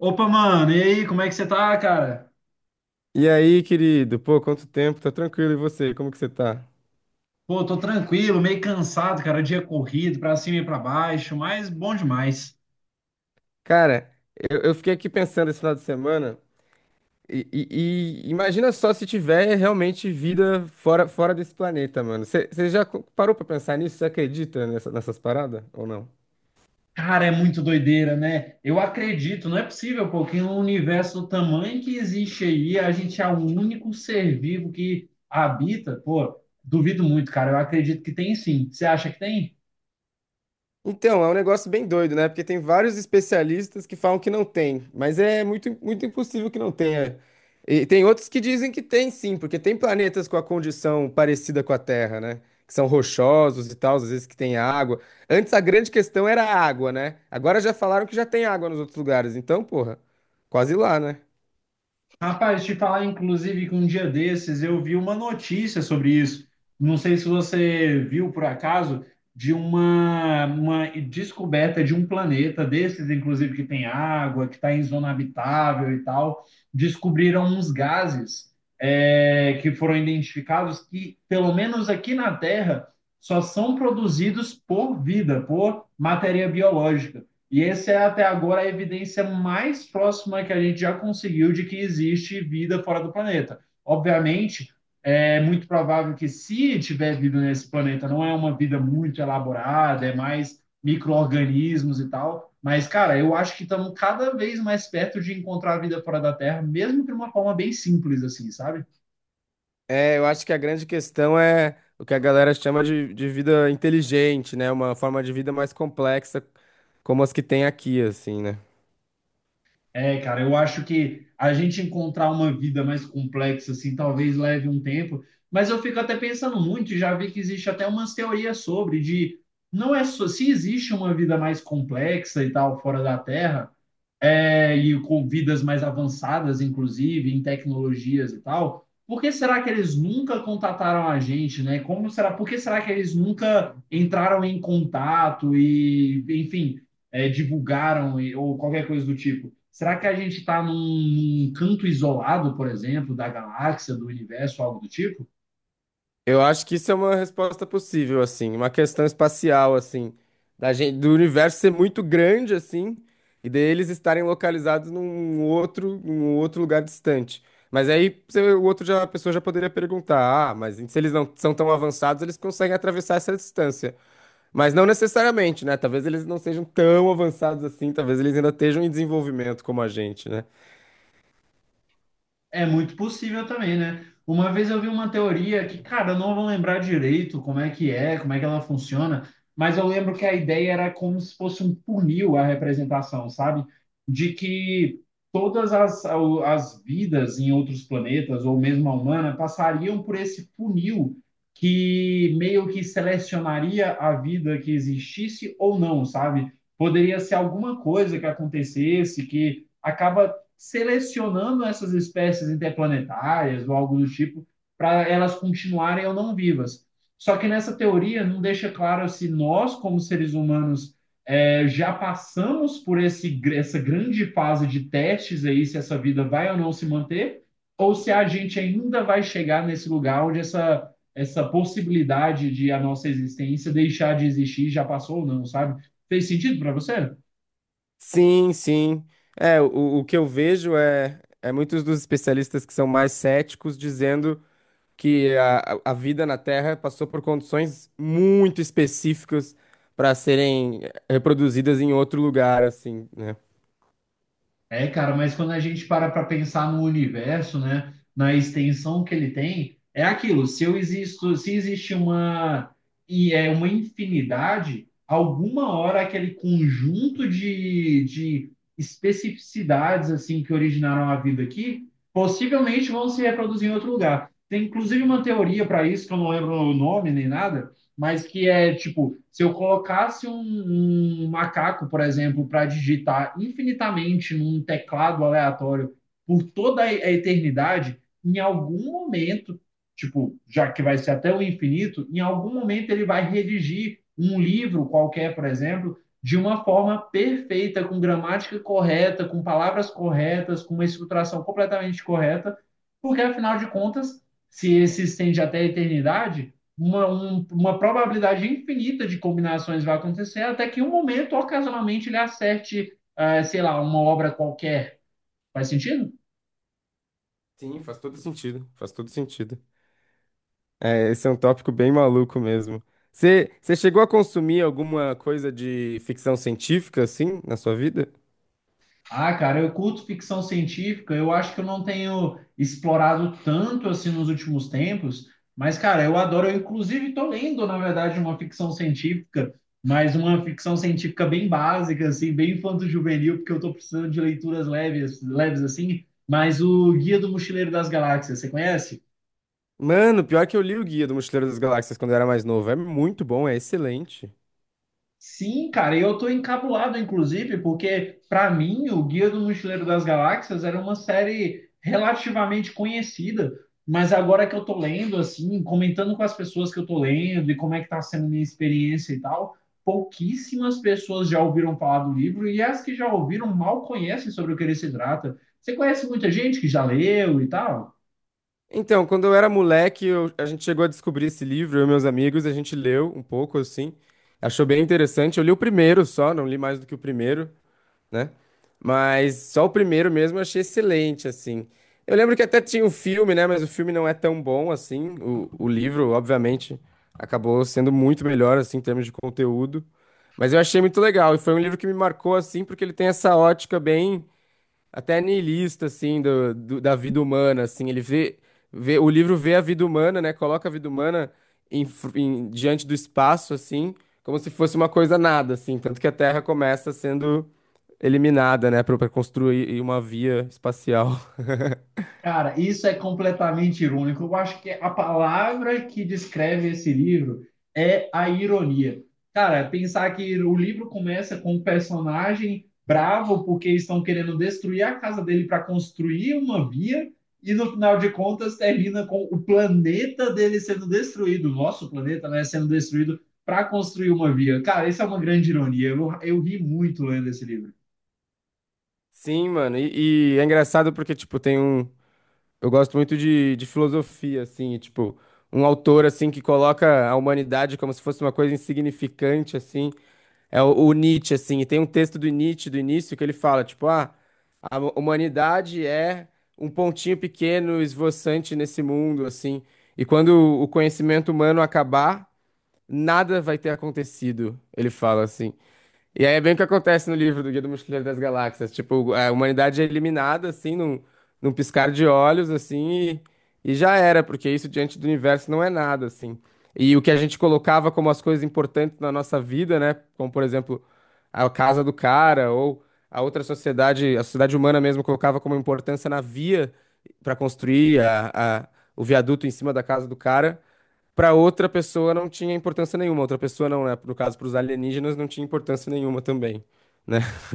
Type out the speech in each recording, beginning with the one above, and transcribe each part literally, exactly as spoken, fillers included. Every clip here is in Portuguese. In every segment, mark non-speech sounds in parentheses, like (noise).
Opa, mano, e aí, como é que você tá, cara? E aí, querido? Pô, quanto tempo? Tá tranquilo, e você? Como que você tá? Pô, tô tranquilo, meio cansado, cara, dia corrido, pra cima e pra baixo, mas bom demais. Cara, eu, eu fiquei aqui pensando esse final de semana e, e- e imagina só se tiver realmente vida fora, fora desse planeta, mano. Você já co- parou pra pensar nisso? Você acredita nessa- nessas paradas ou não? Cara, é muito doideira, né? Eu acredito, não é possível, pô, que no universo do tamanho que existe aí, a gente é o único ser vivo que habita, pô, duvido muito, cara, eu acredito que tem sim. Você acha que tem? Então, é um negócio bem doido, né? Porque tem vários especialistas que falam que não tem, mas é muito, muito impossível que não tenha. E tem outros que dizem que tem sim, porque tem planetas com a condição parecida com a Terra, né? Que são rochosos e tal, às vezes que tem água. Antes a grande questão era a água, né? Agora já falaram que já tem água nos outros lugares, então, porra, quase lá, né? Rapaz, te falar, inclusive, que um dia desses eu vi uma notícia sobre isso. Não sei se você viu por acaso, de uma, uma descoberta de um planeta desses, inclusive, que tem água, que está em zona habitável e tal. Descobriram uns gases, é, que foram identificados que, pelo menos aqui na Terra, só são produzidos por vida, por matéria biológica. E essa é até agora a evidência mais próxima que a gente já conseguiu de que existe vida fora do planeta. Obviamente, é muito provável que se tiver vida nesse planeta, não é uma vida muito elaborada, é mais micro-organismos e tal. Mas, cara, eu acho que estamos cada vez mais perto de encontrar vida fora da Terra, mesmo de uma forma bem simples, assim, sabe? É, eu acho que a grande questão é o que a galera chama de, de vida inteligente, né? Uma forma de vida mais complexa, como as que tem aqui, assim, né? É, cara, eu acho que a gente encontrar uma vida mais complexa, assim, talvez leve um tempo, mas eu fico até pensando muito, e já vi que existe até umas teorias sobre, de não é só, se existe uma vida mais complexa e tal, fora da Terra, é, e com vidas mais avançadas, inclusive, em tecnologias e tal, por que será que eles nunca contataram a gente, né? Como será, por que será que eles nunca entraram em contato e, enfim é, divulgaram ou qualquer coisa do tipo. Será que a gente está num, num canto isolado, por exemplo, da galáxia, do universo, algo do tipo? Eu acho que isso é uma resposta possível, assim, uma questão espacial, assim, da gente, do universo ser muito grande, assim, e deles estarem localizados num outro, num outro lugar distante. Mas aí você- o outro já, a pessoa já poderia perguntar: ah, mas se eles não são tão avançados, eles conseguem atravessar essa distância. Mas não necessariamente, né? Talvez eles não sejam tão avançados assim, talvez eles ainda estejam em desenvolvimento como a gente, né? É muito possível também, né? Uma vez eu vi uma teoria que, cara, eu não vou lembrar direito como é que é, como é que ela funciona, mas eu lembro que a ideia era como se fosse um funil a representação, sabe? De que todas as, as vidas em outros planetas, ou mesmo a humana, passariam por esse funil que meio que selecionaria a vida que existisse ou não, sabe? Poderia ser alguma coisa que acontecesse que acaba selecionando essas espécies interplanetárias ou algo do tipo para elas continuarem ou não vivas. Só que nessa teoria não deixa claro se nós, como seres humanos, é, já passamos por esse, essa grande fase de testes aí, se essa vida vai ou não se manter, ou se a gente ainda vai chegar nesse lugar onde essa, essa possibilidade de a nossa existência deixar de existir já passou ou não, sabe? Fez sentido para você? Sim, sim. É, o, o que eu vejo é, é muitos dos especialistas que são mais céticos dizendo que a, a a vida na Terra passou por condições muito específicas para serem reproduzidas em outro lugar, assim, né? É, cara, mas quando a gente para para pensar no universo, né, na extensão que ele tem, é aquilo. Se eu existo, se existe uma e é uma infinidade, alguma hora aquele conjunto de, de especificidades assim que originaram a vida aqui, possivelmente vão se reproduzir em outro lugar. Tem inclusive uma teoria para isso que eu não lembro o nome nem nada, mas que é tipo, se eu colocasse um, um macaco, por exemplo, para digitar infinitamente num teclado aleatório por toda a eternidade, em algum momento, tipo, já que vai ser até o infinito, em algum momento ele vai redigir um livro qualquer, por exemplo, de uma forma perfeita, com gramática correta, com palavras corretas, com uma estruturação completamente correta, porque afinal de contas, se ele se estende até a eternidade, uma, um- uma probabilidade infinita de combinações vai acontecer, até que em um momento, ocasionalmente, ele acerte, ah, sei lá, uma obra qualquer. Faz sentido? Sim, faz todo sentido. Faz todo sentido. É, esse é um tópico bem maluco mesmo. Você você chegou a consumir alguma coisa de ficção científica, assim, na sua vida? Ah, cara, eu curto ficção científica, eu acho que eu não tenho explorado tanto assim nos últimos tempos, mas, cara, eu adoro, eu inclusive estou lendo, na verdade, uma ficção científica, mas uma ficção científica bem básica, assim, bem infanto-juvenil, porque eu estou precisando de leituras leves, leves assim, mas o Guia do Mochileiro das Galáxias, você conhece? Mano, pior que eu li o Guia do Mochileiro das Galáxias quando eu era mais novo. É muito bom, é excelente. Sim, cara, e eu tô encabulado, inclusive, porque para mim o Guia do Mochileiro das Galáxias era uma série relativamente conhecida, mas agora que eu tô lendo, assim, comentando com as pessoas que eu tô lendo e como é que tá sendo a minha experiência e tal, pouquíssimas pessoas já ouviram falar do livro e as que já ouviram mal conhecem sobre o que ele se trata. Você conhece muita gente que já leu e tal? Então, quando eu era moleque, eu- a gente chegou a descobrir esse livro, eu e meus amigos, a gente leu um pouco assim, achou bem interessante. Eu li o primeiro só, não li mais do que o primeiro, né? Mas só o primeiro mesmo eu achei excelente, assim. Eu lembro que até tinha o filme, né? Mas o filme não é tão bom assim. O, o livro, obviamente, acabou sendo muito melhor, assim, em termos de conteúdo. Mas eu achei muito legal, e foi um livro que me marcou, assim, porque ele tem essa ótica bem até niilista, assim, do, do- da vida humana, assim, ele vê, vê, o livro vê a vida humana, né, coloca a vida humana em, fr- em- diante do espaço, assim, como se fosse uma coisa nada, assim, tanto que a Terra começa sendo eliminada, né, para construir uma via espacial. (laughs) Cara, isso é completamente irônico. Eu acho que a palavra que descreve esse livro é a ironia. Cara, pensar que o livro começa com um personagem bravo porque estão querendo destruir a casa dele para construir uma via e no final de contas termina com o planeta dele sendo destruído, o nosso planeta, né, sendo destruído para construir uma via. Cara, isso é uma grande ironia. Eu, eu ri muito lendo esse livro. Sim, mano, e, e é engraçado porque, tipo, tem um... Eu gosto muito de, de filosofia, assim, e, tipo, um autor, assim, que coloca a humanidade como se fosse uma coisa insignificante, assim. É o, o Nietzsche, assim, e tem um texto do Nietzsche do início que ele fala, tipo, ah, a humanidade é um pontinho pequeno esvoaçante nesse mundo, assim, e quando o conhecimento humano acabar, nada vai ter acontecido, ele fala assim. E aí é bem o que acontece no livro do Guia do Mochileiro das Galáxias. Tipo, a humanidade é eliminada, assim, num, num piscar de olhos, assim, e, e já era, porque isso diante do universo não é nada, assim. E o que a gente colocava como as coisas importantes na nossa vida, né? Como, por exemplo, a casa do cara, ou a outra sociedade, a sociedade humana mesmo colocava como importância na via para construir a, a- o viaduto em cima da casa do cara para outra pessoa não tinha importância nenhuma. Outra pessoa não, né? No caso, para os alienígenas não tinha importância nenhuma também, né? (laughs)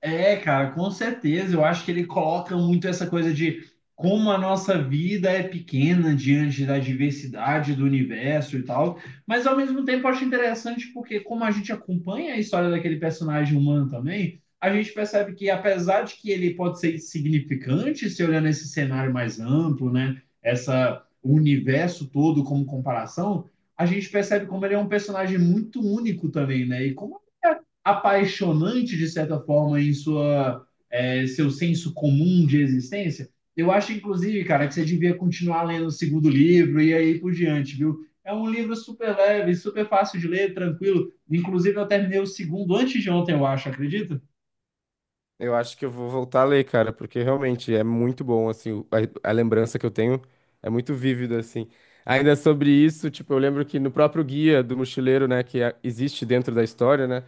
É, cara, com certeza. Eu acho que ele coloca muito essa coisa de como a nossa vida é pequena diante da diversidade do universo e tal. Mas ao mesmo tempo eu acho interessante porque como a gente acompanha a história daquele personagem humano também, a gente percebe que apesar de que ele pode ser insignificante se olhar nesse cenário mais amplo, né? Essa o universo todo como comparação, a gente percebe como ele é um personagem muito único também, né? E como é apaixonante, de certa forma, em sua, é, seu senso comum de existência. Eu acho, inclusive, cara, que você devia continuar lendo o segundo livro e aí por diante, viu? É um livro super leve, super fácil de ler, tranquilo. Inclusive, eu terminei o segundo antes de ontem, eu acho, acredita? Eu acho que eu vou voltar a ler, cara, porque realmente é muito bom, assim, o- a, a lembrança que eu tenho é muito vívida, assim. Ainda sobre isso, tipo, eu lembro que no próprio Guia do Mochileiro, né, que a- existe dentro da história, né?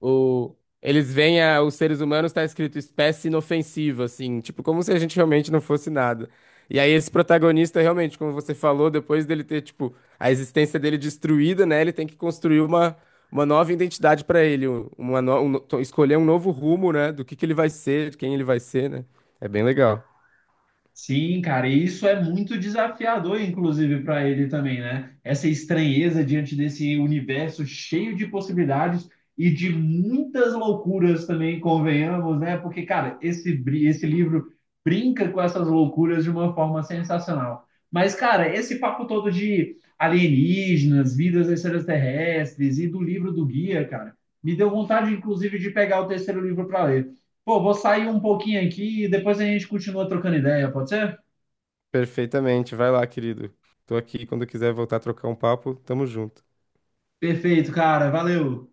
O, eles veem a- os seres humanos, tá escrito espécie inofensiva, assim, tipo, como se a gente realmente não fosse nada. E aí esse protagonista, realmente, como você falou, depois dele ter, tipo, a existência dele destruída, né, ele tem que construir uma, uma nova identidade pra ele, um- uma no- um no- to- escolher um novo rumo, né, do que que ele vai ser, de quem ele vai ser, né. É bem legal. Sim, cara, e isso é muito desafiador, inclusive, para ele também, né? Essa estranheza diante desse universo cheio de possibilidades e de muitas loucuras também, convenhamos, né? Porque, cara, esse, bri- esse livro brinca com essas loucuras de uma forma sensacional. Mas, cara, esse papo todo de alienígenas, vidas extraterrestres e do livro do guia, cara, me deu vontade, inclusive, de pegar o terceiro livro para ler. Pô, vou sair um pouquinho aqui e depois a gente continua trocando ideia, pode ser? Perfeitamente. Vai lá, querido. Tô aqui, quando quiser voltar a trocar um papo, tamo junto. Perfeito, cara. Valeu.